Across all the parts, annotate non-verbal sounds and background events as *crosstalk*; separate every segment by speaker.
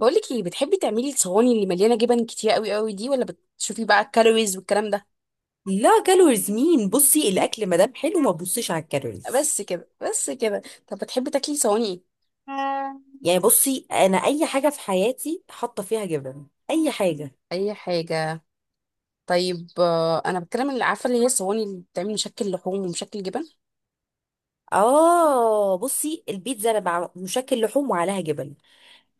Speaker 1: بقولك ايه بتحبي تعملي الصواني اللي مليانه جبن كتير قوي دي ولا بتشوفي بقى الكالوريز والكلام ده.
Speaker 2: لا، كالوريز مين؟ بصي
Speaker 1: *laughs*
Speaker 2: الاكل ما دام حلو ما تبصيش على الكالوريز.
Speaker 1: بس كده، طب بتحبي تاكلي صواني؟
Speaker 2: يعني بصي، انا اي حاجه في حياتي حاطه فيها جبن، اي حاجه.
Speaker 1: ايه اي حاجه. طيب انا بتكلم اللي عارفه اللي هي الصواني اللي بتعمل مشكل لحوم ومشكل جبن.
Speaker 2: اه، بصي البيتزا انا، مشكل لحوم وعليها جبن.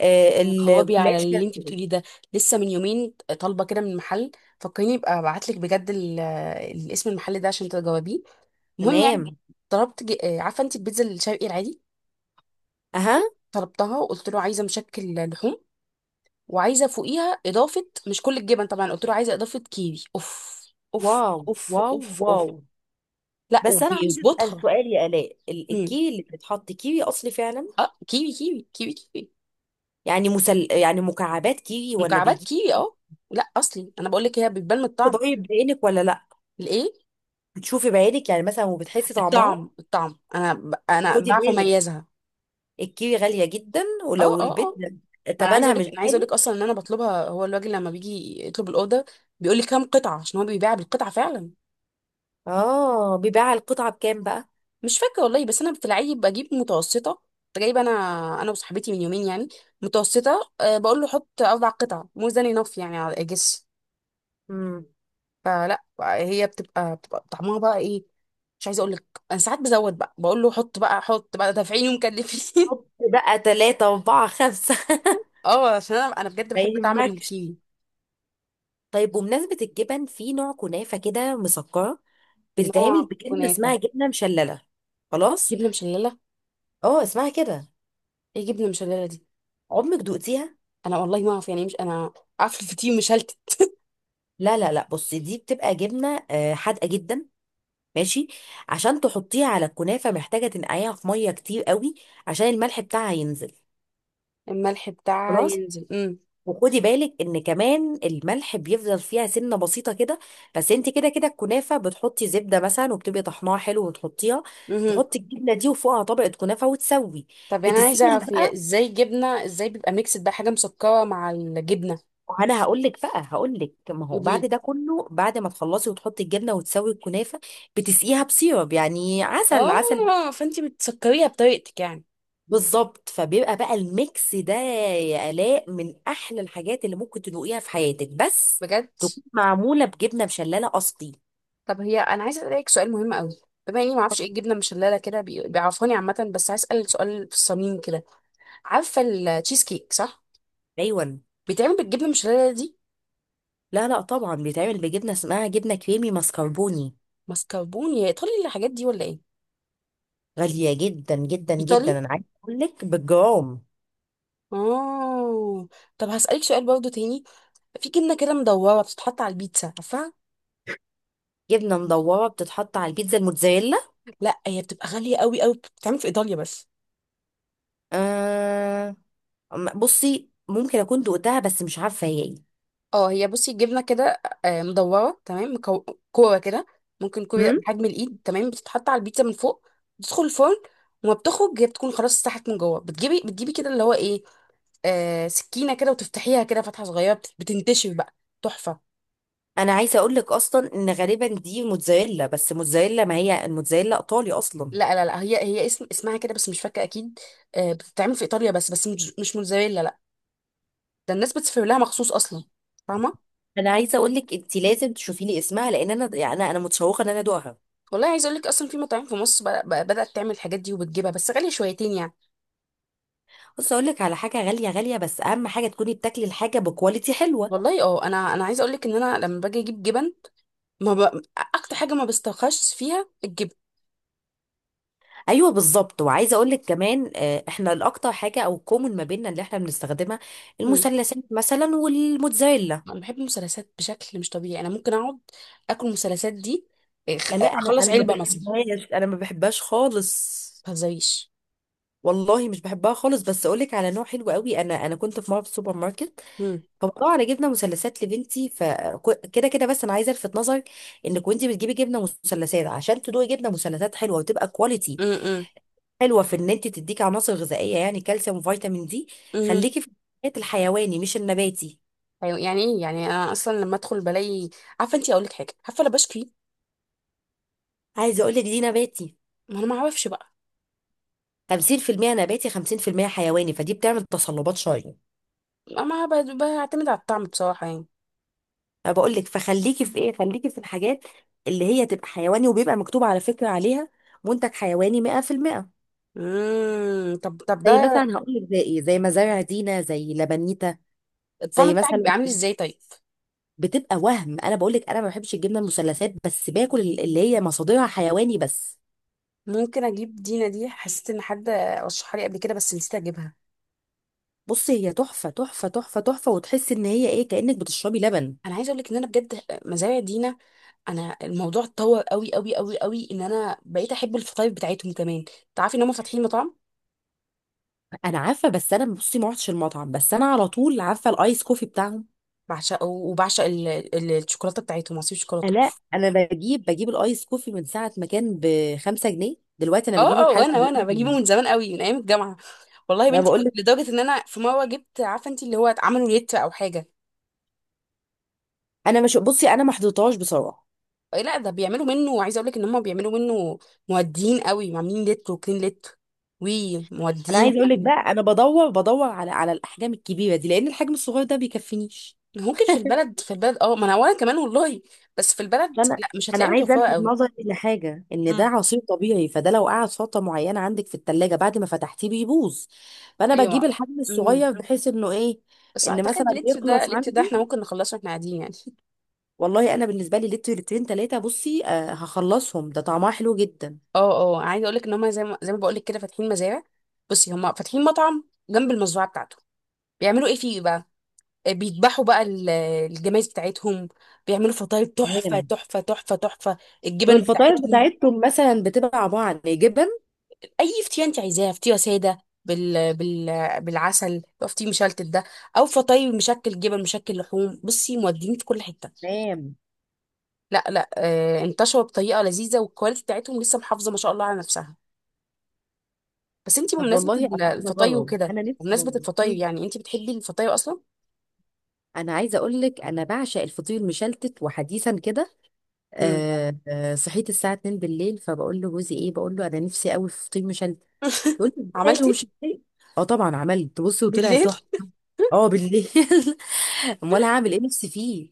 Speaker 1: يعني قوابي على
Speaker 2: الجلاش
Speaker 1: اللي
Speaker 2: فيها
Speaker 1: انت
Speaker 2: جبن.
Speaker 1: بتقوليه ده، لسه من يومين طالبه كده من محل. فكريني ابقى ابعت لك بجد اسم المحل ده عشان تجاوبيه. المهم يعني،
Speaker 2: تمام.
Speaker 1: طلبت عارفه انت البيتزا الشرقي العادي؟
Speaker 2: اها.
Speaker 1: طلبتها وقلت له عايزه مشكل لحوم، وعايزه فوقيها اضافه مش كل الجبن طبعا، قلت له عايزه اضافه كيوي. اوف اوف
Speaker 2: واو،
Speaker 1: اوف
Speaker 2: واو،
Speaker 1: اوف
Speaker 2: واو.
Speaker 1: اوف. لا
Speaker 2: بس انا عايزه اسال
Speaker 1: وبيظبطها.
Speaker 2: سؤال يا الاء،
Speaker 1: هم.
Speaker 2: الكيوي اللي بتتحط كيوي اصلي فعلا؟
Speaker 1: اه كيوي كيوي كيوي كيوي.
Speaker 2: يعني يعني مكعبات كيوي ولا
Speaker 1: مكعبات
Speaker 2: بيجي؟
Speaker 1: كيوي اه. لا اصلي، انا بقول لك هي بتبان من الطعم.
Speaker 2: تدوقي بعينك ولا لا؟
Speaker 1: الايه؟
Speaker 2: بتشوفي بعينك يعني مثلا، وبتحسي طعمها؟
Speaker 1: الطعم الطعم، انا
Speaker 2: وخدي
Speaker 1: بعرف
Speaker 2: بالك،
Speaker 1: اميزها.
Speaker 2: الكيوي غالية جدا،
Speaker 1: اه
Speaker 2: ولو
Speaker 1: اه
Speaker 2: البيت
Speaker 1: اه.
Speaker 2: جدا
Speaker 1: ما انا عايزه
Speaker 2: تبنها
Speaker 1: اقول
Speaker 2: مش
Speaker 1: لك،
Speaker 2: غالي.
Speaker 1: اصلا ان انا بطلبها، هو الراجل لما بيجي يطلب الاوردر بيقول لي كام قطعه عشان هو بيبيع بالقطعه فعلا.
Speaker 2: اه، بيباع القطعة بكام بقى؟
Speaker 1: مش فاكره والله، بس انا بتلاقي بجيب متوسطه، كنت جايبه انا انا وصاحبتي من يومين يعني، متوسطه. بقول له حط اربع قطع، مور ذان انف يعني، على اجس.
Speaker 2: امم.
Speaker 1: فلا هي بتبقى طعمها بقى ايه، مش عايزه اقول لك. انا ساعات بزود، بقى بقول له حط بقى، حط بقى، دافعيني ومكلفين.
Speaker 2: حط بقى تلاتة أربعة خمسة.
Speaker 1: *laughs* اه عشان انا بجد
Speaker 2: *laughs* ما
Speaker 1: بحب طعم
Speaker 2: يهمكش.
Speaker 1: الكيوي.
Speaker 2: طيب، بمناسبة الجبن، في نوع كنافة كده مسكرة بتتعمل
Speaker 1: نوع
Speaker 2: بجبنة اسمها
Speaker 1: كنافه؟
Speaker 2: جبنة مشللة. خلاص.
Speaker 1: جبنه مشلله؟
Speaker 2: اه، اسمها كده.
Speaker 1: ايه جبنه مشلله دي؟
Speaker 2: عمرك دقتيها؟
Speaker 1: انا والله ما اعرف يعني إيه، مش انا عارفه الفطير مشلتت؟
Speaker 2: لا لا لا، بصي دي بتبقى جبنة حادقة جدا. ماشي. عشان تحطيها على الكنافة محتاجة تنقعيها في مية كتير قوي، عشان الملح بتاعها ينزل.
Speaker 1: الملح بتاعها
Speaker 2: خلاص.
Speaker 1: ينزل، امم.
Speaker 2: وخدي بالك ان كمان الملح بيفضل فيها سنه بسيطه كده. بس انت كده كده الكنافه بتحطي زبده مثلا، وبتبقي طحناها حلو وتحطيها، تحطي الجبنه دي وفوقها طبقه كنافه وتسوي.
Speaker 1: طب يعني انا عايزه
Speaker 2: بتسقيها
Speaker 1: اعرف هي
Speaker 2: بقى.
Speaker 1: ازاي، جبنه ازاي بيبقى ميكس بقى حاجه مسكره مع الجبنه؟
Speaker 2: انا هقول لك بقى، هقول لك، ما هو بعد
Speaker 1: قوليلي.
Speaker 2: ده كله، بعد ما تخلصي وتحطي الجبنه وتسوي الكنافه، بتسقيها بسيرب، يعني عسل عسل.
Speaker 1: اه فانتي بتسكريها بطريقتك يعني.
Speaker 2: بالظبط، فبيبقى بقى الميكس ده يا الاء من احلى الحاجات اللي ممكن تدوقيها في حياتك، بس
Speaker 1: بجد؟
Speaker 2: تكون معموله بجبنه مشلله اصلي.
Speaker 1: طب هي انا عايزه اسالك سؤال مهم قوي، بما اني ما اعرفش ايه الجبنه مشلله كده، بيعرفوني عامه، بس عايز اسال سؤال في الصميم كده. عارفه التشيز كيك صح؟
Speaker 2: ايوه.
Speaker 1: بيتعمل بالجبنه المشلله دي؟
Speaker 2: لا لا، طبعا بيتعمل بجبنه اسمها جبنه كريمي ماسكربوني.
Speaker 1: mascarpone يا ايطالي الحاجات دي ولا ايه؟
Speaker 2: غاليه جدا جدا
Speaker 1: ايطالي؟
Speaker 2: جدا، انا عايزه اقول لك بالجرام.
Speaker 1: اه. طب هسالك سؤال برضو تاني، في جبنه كده مدوره بتتحط على البيتزا عارفه؟
Speaker 2: جبنه مدوره بتتحط على البيتزا؟ الموتزاريلا.
Speaker 1: لا هي بتبقى غالية قوي، بتتعمل في إيطاليا بس.
Speaker 2: آه. بصي ممكن اكون دقتها، بس مش عارفه هي ايه.
Speaker 1: اه هي بصي الجبنه كده مدوره تمام، كوره كده، ممكن كوره
Speaker 2: هم؟
Speaker 1: بحجم الايد، تمام، بتتحط على البيتزا من فوق، بتدخل الفرن، وما بتخرج هي بتكون خلاص استحت من جوه، بتجيبي كده اللي هو ايه، آه سكينه كده، وتفتحيها كده فتحه صغيره، بتنتشر بقى. تحفه.
Speaker 2: انا عايزه اقول لك اصلا ان غالبا دي موتزاريلا، بس موتزاريلا، ما هي الموتزاريلا ايطالي اصلا.
Speaker 1: لا لا لا، هي اسم اسمها كده بس مش فاكره اكيد. آه بتتعمل في ايطاليا بس، بس مش موتزاريلا لا. ده الناس بتسافر لها مخصوص اصلا، فاهمه؟
Speaker 2: انا عايزه اقول لك انت لازم تشوفي لي اسمها، لان انا يعني أنا متشوقه ان انا ادوقها.
Speaker 1: والله عايز اقول لك اصلا في مطاعم في مصر بدات تعمل الحاجات دي وبتجيبها بس غاليه شويتين يعني.
Speaker 2: بص، اقول لك على حاجه، غاليه غاليه، بس اهم حاجه تكوني بتاكلي الحاجه بكواليتي حلوه.
Speaker 1: والله اه، انا عايزه اقول لك ان انا لما باجي اجيب جبن، ما ب... اكتر حاجه ما بسترخصش فيها الجبن.
Speaker 2: ايوه، بالظبط. وعايزه اقول لك كمان، احنا الاكتر حاجه او الكومن ما بيننا اللي احنا بنستخدمها
Speaker 1: مم.
Speaker 2: المثلثات مثلا والموتزاريلا.
Speaker 1: انا بحب المثلثات بشكل مش طبيعي، انا ممكن اقعد اكل المثلثات دي،
Speaker 2: لا، انا
Speaker 1: اخلص
Speaker 2: انا ما
Speaker 1: علبه مثلا.
Speaker 2: بحبهاش، انا ما بحبهاش خالص.
Speaker 1: ما تهزريش.
Speaker 2: والله مش بحبها خالص، بس اقول لك على نوع حلو قوي. انا كنت في مره في السوبر ماركت،
Speaker 1: مم.
Speaker 2: فموضوع انا جبنه مثلثات لبنتي، فكده كده. بس انا عايزه الفت نظرك، انك وانت بتجيبي جبنه مثلثات عشان تدوقي جبنه مثلثات حلوه وتبقى كواليتي
Speaker 1: مم، مم.
Speaker 2: حلوه، في ان انت تديكي عناصر غذائيه يعني كالسيوم وفيتامين دي.
Speaker 1: مم.
Speaker 2: خليكي في الحاجات الحيواني مش النباتي.
Speaker 1: أيوة، يعني ايه يعني، انا اصلا لما ادخل بلاقي، عارفه انت، اقول لك حاجه، عارفه انا بشكي.
Speaker 2: عايزه اقول لك دي نباتي.
Speaker 1: ما انا ما اعرفش بقى.
Speaker 2: 50% نباتي، 50% حيواني، فدي بتعمل تصلبات شويه.
Speaker 1: ما ب- بعتمد على الطعم بصراحه يعني.
Speaker 2: انا بقول لك، فخليكي في ايه، خليكي في الحاجات اللي هي تبقى حيواني، وبيبقى مكتوب على فكره عليها منتج حيواني 100%.
Speaker 1: امم. طب ده
Speaker 2: زي مثلا هقول لك، زي ايه، زي مزارع دينا، زي لبنيتا.
Speaker 1: الطعم
Speaker 2: زي
Speaker 1: بتاعك
Speaker 2: مثلا،
Speaker 1: بيبقى عامل ازاي طيب؟
Speaker 2: بتبقى وهم. انا بقول لك انا ما بحبش الجبنه المثلثات، بس باكل اللي هي مصادرها حيواني بس.
Speaker 1: ممكن اجيب دينا دي، حسيت ان حد رشحها لي قبل كده بس نسيت اجيبها.
Speaker 2: بصي، هي تحفه تحفه تحفه تحفه، وتحسي ان هي ايه، كانك بتشربي لبن.
Speaker 1: انا عايزه اقول لك ان انا بجد مزارع دينا، انا الموضوع اتطور قوي ان انا بقيت احب الفطاير بتاعتهم كمان. تعرفي ان هم فاتحين مطعم؟
Speaker 2: انا عارفه، بس انا بصي ما رحتش المطعم، بس انا على طول عارفه الايس كوفي بتاعهم.
Speaker 1: بعشقه، وبعشق الشوكولاته بتاعتهم، عصير شوكولاته.
Speaker 2: لا، انا بجيب الايس كوفي من ساعه ما كان ب 5 جنيه، دلوقتي انا
Speaker 1: اه
Speaker 2: بجيبه
Speaker 1: اه،
Speaker 2: بحاجه.
Speaker 1: وانا بجيبه من زمان قوي، من ايام الجامعه. والله يا
Speaker 2: انا
Speaker 1: بنتي
Speaker 2: بقول
Speaker 1: كنت،
Speaker 2: لك،
Speaker 1: لدرجه ان انا في مره جبت، عارفه انت، اللي هو عملوا لتر او حاجه.
Speaker 2: انا مش بصي، انا ما حضرتهاش بصراحه.
Speaker 1: إيه، لا ده بيعملوا منه، عايزه اقول لك ان هم بيعملوا منه مودين قوي، عاملين لتر، وكلين لتر، وي
Speaker 2: انا
Speaker 1: مودين
Speaker 2: عايزه اقول لك
Speaker 1: يعني.
Speaker 2: بقى، انا بدور على الاحجام الكبيره دي، لان الحجم الصغير ده بيكفينيش.
Speaker 1: ممكن في البلد، في البلد اه، ما انا وانا كمان والله، بس في البلد
Speaker 2: فانا،
Speaker 1: لا مش
Speaker 2: انا
Speaker 1: هتلاقيها
Speaker 2: عايزه
Speaker 1: متوفره
Speaker 2: الفت
Speaker 1: قوي.
Speaker 2: نظرك لحاجه، ان ده عصير طبيعي، فده لو قعد فتره معينه عندك في الثلاجه بعد ما فتحتيه بيبوظ. فانا بجيب
Speaker 1: ايوه.
Speaker 2: الحجم
Speaker 1: امم.
Speaker 2: الصغير بحيث انه ايه،
Speaker 1: بس
Speaker 2: ان مثلا
Speaker 1: اعتقد لتر ده،
Speaker 2: يخلص
Speaker 1: لتر ده احنا
Speaker 2: عندي.
Speaker 1: ممكن نخلصه واحنا قاعدين يعني.
Speaker 2: والله انا بالنسبه لي لتر لترين ثلاثه بصي آه، هخلصهم، ده طعمها حلو جدا.
Speaker 1: اه اه. عايزه اقول لك ان هم زي ما بقول لك كده، فاتحين مزارع، بصي هم فاتحين مطعم جنب المزرعه بتاعته، بيعملوا ايه فيه بقى، بيذبحوا بقى الجمايز بتاعتهم، بيعملوا فطاير تحفه
Speaker 2: تمام.
Speaker 1: تحفه تحفه تحفه
Speaker 2: طب
Speaker 1: الجبن
Speaker 2: الفطاير
Speaker 1: بتاعتهم.
Speaker 2: بتاعتهم مثلا بتبقى عباره عن إيه؟ جبن؟
Speaker 1: اي فتيه انت عايزاها، فتيه ساده بال... بال... بالعسل، لو فتيه مشلتت ده، او فطاي مشكل جبن مشكل لحوم، بصي مودين في كل حته.
Speaker 2: تمام.
Speaker 1: لا لا آه، انتشروا بطريقه لذيذه، والكواليتي بتاعتهم لسه محافظه ما شاء الله على نفسها. بس انت
Speaker 2: طب
Speaker 1: بمناسبه
Speaker 2: والله انا عايزه
Speaker 1: الفطاي
Speaker 2: اجرب،
Speaker 1: وكده،
Speaker 2: انا نفسي
Speaker 1: بمناسبه
Speaker 2: اجرب.
Speaker 1: الفطاي يعني، انت بتحبي الفطاي اصلا؟
Speaker 2: انا عايزه اقول لك انا بعشق الفطير مشلتت، وحديثا كده
Speaker 1: امم.
Speaker 2: صحيت الساعه 2 بالليل فبقول له جوزي ايه، بقول له انا نفسي قوي في فطير مشلتت. يقول
Speaker 1: *laughs*
Speaker 2: لي ازاي؟
Speaker 1: عملتي؟
Speaker 2: ومش ازاي؟ اه طبعا، عملت بصي وطلع
Speaker 1: بالليل؟
Speaker 2: تحفه. اه، بالليل. *laughs* امال هعمل ايه نفسي فيه.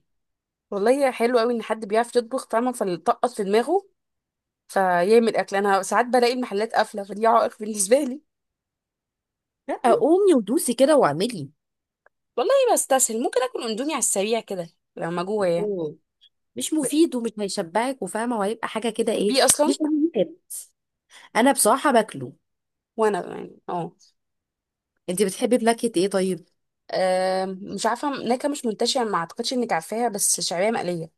Speaker 1: والله حلو قوي ان حد بيعرف يطبخ، فاهمه، فلطقط في دماغه فيعمل اكل. انا ساعات بلاقي المحلات قافله، فدي عائق بالنسبه لي.
Speaker 2: لا، قومي ودوسي كده واعملي.
Speaker 1: والله بستسهل، ممكن اكل اندومي على السريع كده لما جوه يعني.
Speaker 2: أوه. مش مفيد، ومش هيشبعك، وفاهمه، وهيبقى حاجه كده ايه.
Speaker 1: بتحبيه اصلا؟
Speaker 2: مش مهم. انا بصراحه باكله.
Speaker 1: وانا يعني اه.
Speaker 2: انت بتحبي بنكهه ايه طيب؟
Speaker 1: مش عارفه، نكهه مش منتشره ما اعتقدش انك عارفاها، بس شعريه مقليه.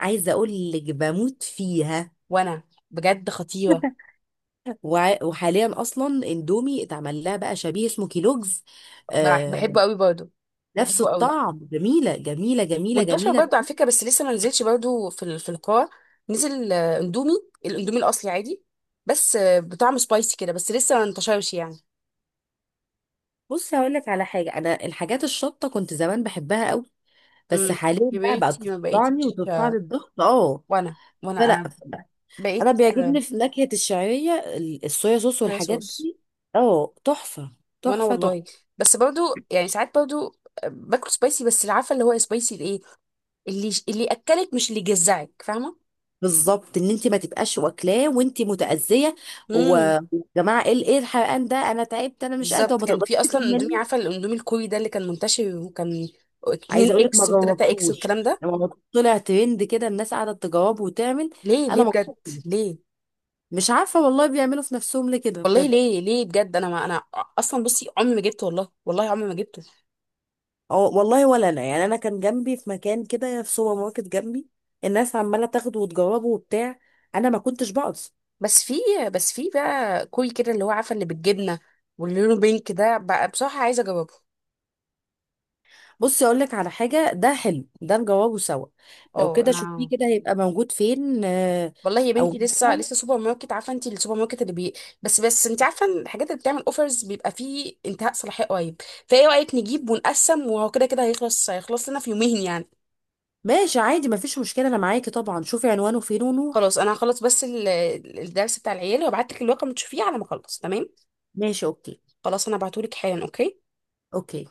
Speaker 2: عايزه اقول لك بموت فيها.
Speaker 1: وانا، بجد خطيره.
Speaker 2: وحاليا اصلا اندومي اتعمل لها بقى شبيه اسمه كيلوجز. آه.
Speaker 1: بحبه قوي برضه.
Speaker 2: نفس
Speaker 1: بحبه قوي،
Speaker 2: الطعم، جميله جميله جميله
Speaker 1: منتشر
Speaker 2: جميله.
Speaker 1: برضه على فكره، بس لسه ما نزلش برضه في في القاع. نزل اندومي، الاندومي الاصلي عادي، بس بطعم سبايسي كده، بس لسه ما انتشرش يعني.
Speaker 2: بص هقول لك على حاجه، انا الحاجات الشطه كنت زمان بحبها قوي، بس
Speaker 1: امم.
Speaker 2: حاليا بقى بقت
Speaker 1: كبرتي ما
Speaker 2: تقطعني
Speaker 1: بقيتيش
Speaker 2: وترفع لي الضغط، اه.
Speaker 1: وانا، وانا
Speaker 2: فلا،
Speaker 1: انا
Speaker 2: انا
Speaker 1: بقيت
Speaker 2: بيعجبني في نكهه الشعريه الصويا صوص
Speaker 1: صويا
Speaker 2: والحاجات
Speaker 1: صوص.
Speaker 2: دي. اه، تحفه،
Speaker 1: وانا
Speaker 2: تحفه
Speaker 1: والله،
Speaker 2: تحفه.
Speaker 1: بس برضو يعني ساعات برضو باكل سبايسي، بس اللي عارفه اللي هو سبايسي الايه، اللي اكلك مش اللي جزعك، فاهمه؟
Speaker 2: بالظبط، ان انت ما تبقاش واكلاه وانت متاذيه.
Speaker 1: امم.
Speaker 2: ويا جماعه، ايه ايه الحرقان ده، انا تعبت، انا مش قادره.
Speaker 1: بالظبط
Speaker 2: وما
Speaker 1: كان
Speaker 2: تقدريش
Speaker 1: في اصلا اندومي،
Speaker 2: تكملي.
Speaker 1: عارفه الاندومي الكوري ده اللي كان منتشر، وكان 2
Speaker 2: عايزه اقول لك ما
Speaker 1: اكس و3 اكس
Speaker 2: جربتوش.
Speaker 1: والكلام ده.
Speaker 2: لما طلع ترند كده الناس قاعده تجاوب وتعمل.
Speaker 1: ليه
Speaker 2: انا
Speaker 1: ليه
Speaker 2: ما
Speaker 1: بجد؟
Speaker 2: جربتوش.
Speaker 1: ليه؟
Speaker 2: مش عارفه والله بيعملوا في نفسهم ليه كده
Speaker 1: والله
Speaker 2: بجد.
Speaker 1: ليه بجد، انا اصلا بصي عمري ما جبته، والله عمري ما جبته.
Speaker 2: أو والله، ولا انا، يعني انا كان جنبي في مكان كده في سوبر ماركت جنبي، الناس عماله تاخده وتجربه وبتاع، انا ما كنتش بقص.
Speaker 1: بس في بس في بقى كوري كده اللي هو عارفه، اللي بالجبنه واللي لونه بينك ده بقى، بصراحه عايزه اجربه.
Speaker 2: بصي اقول لك على حاجه، ده حلو، ده نجربه سوا. لو
Speaker 1: اه
Speaker 2: كده شوفيه
Speaker 1: انا
Speaker 2: كده، هيبقى موجود فين
Speaker 1: والله يا
Speaker 2: او
Speaker 1: بنتي، لسه
Speaker 2: مثلا.
Speaker 1: لسه سوبر ماركت، عارفه انت السوبر ماركت اللي بي. بس انت عارفه إن الحاجات اللي بتعمل اوفرز بيبقى فيه انتهاء صلاحيه قريب، فايه رايك نجيب ونقسم، وهو كده كده هيخلص، هيخلص لنا في يومين يعني.
Speaker 2: ماشي، عادي، ما فيش مشكله، انا معاكي طبعا، شوفي عنوانه فين ونروح.
Speaker 1: خلاص انا هخلص بس الدرس بتاع العيال، وابعت لك الورقه تشوفيه على ما اخلص، تمام.
Speaker 2: ماشي، اوكي.
Speaker 1: خلاص انا هبعته لك حالا، اوكي.
Speaker 2: اوكي.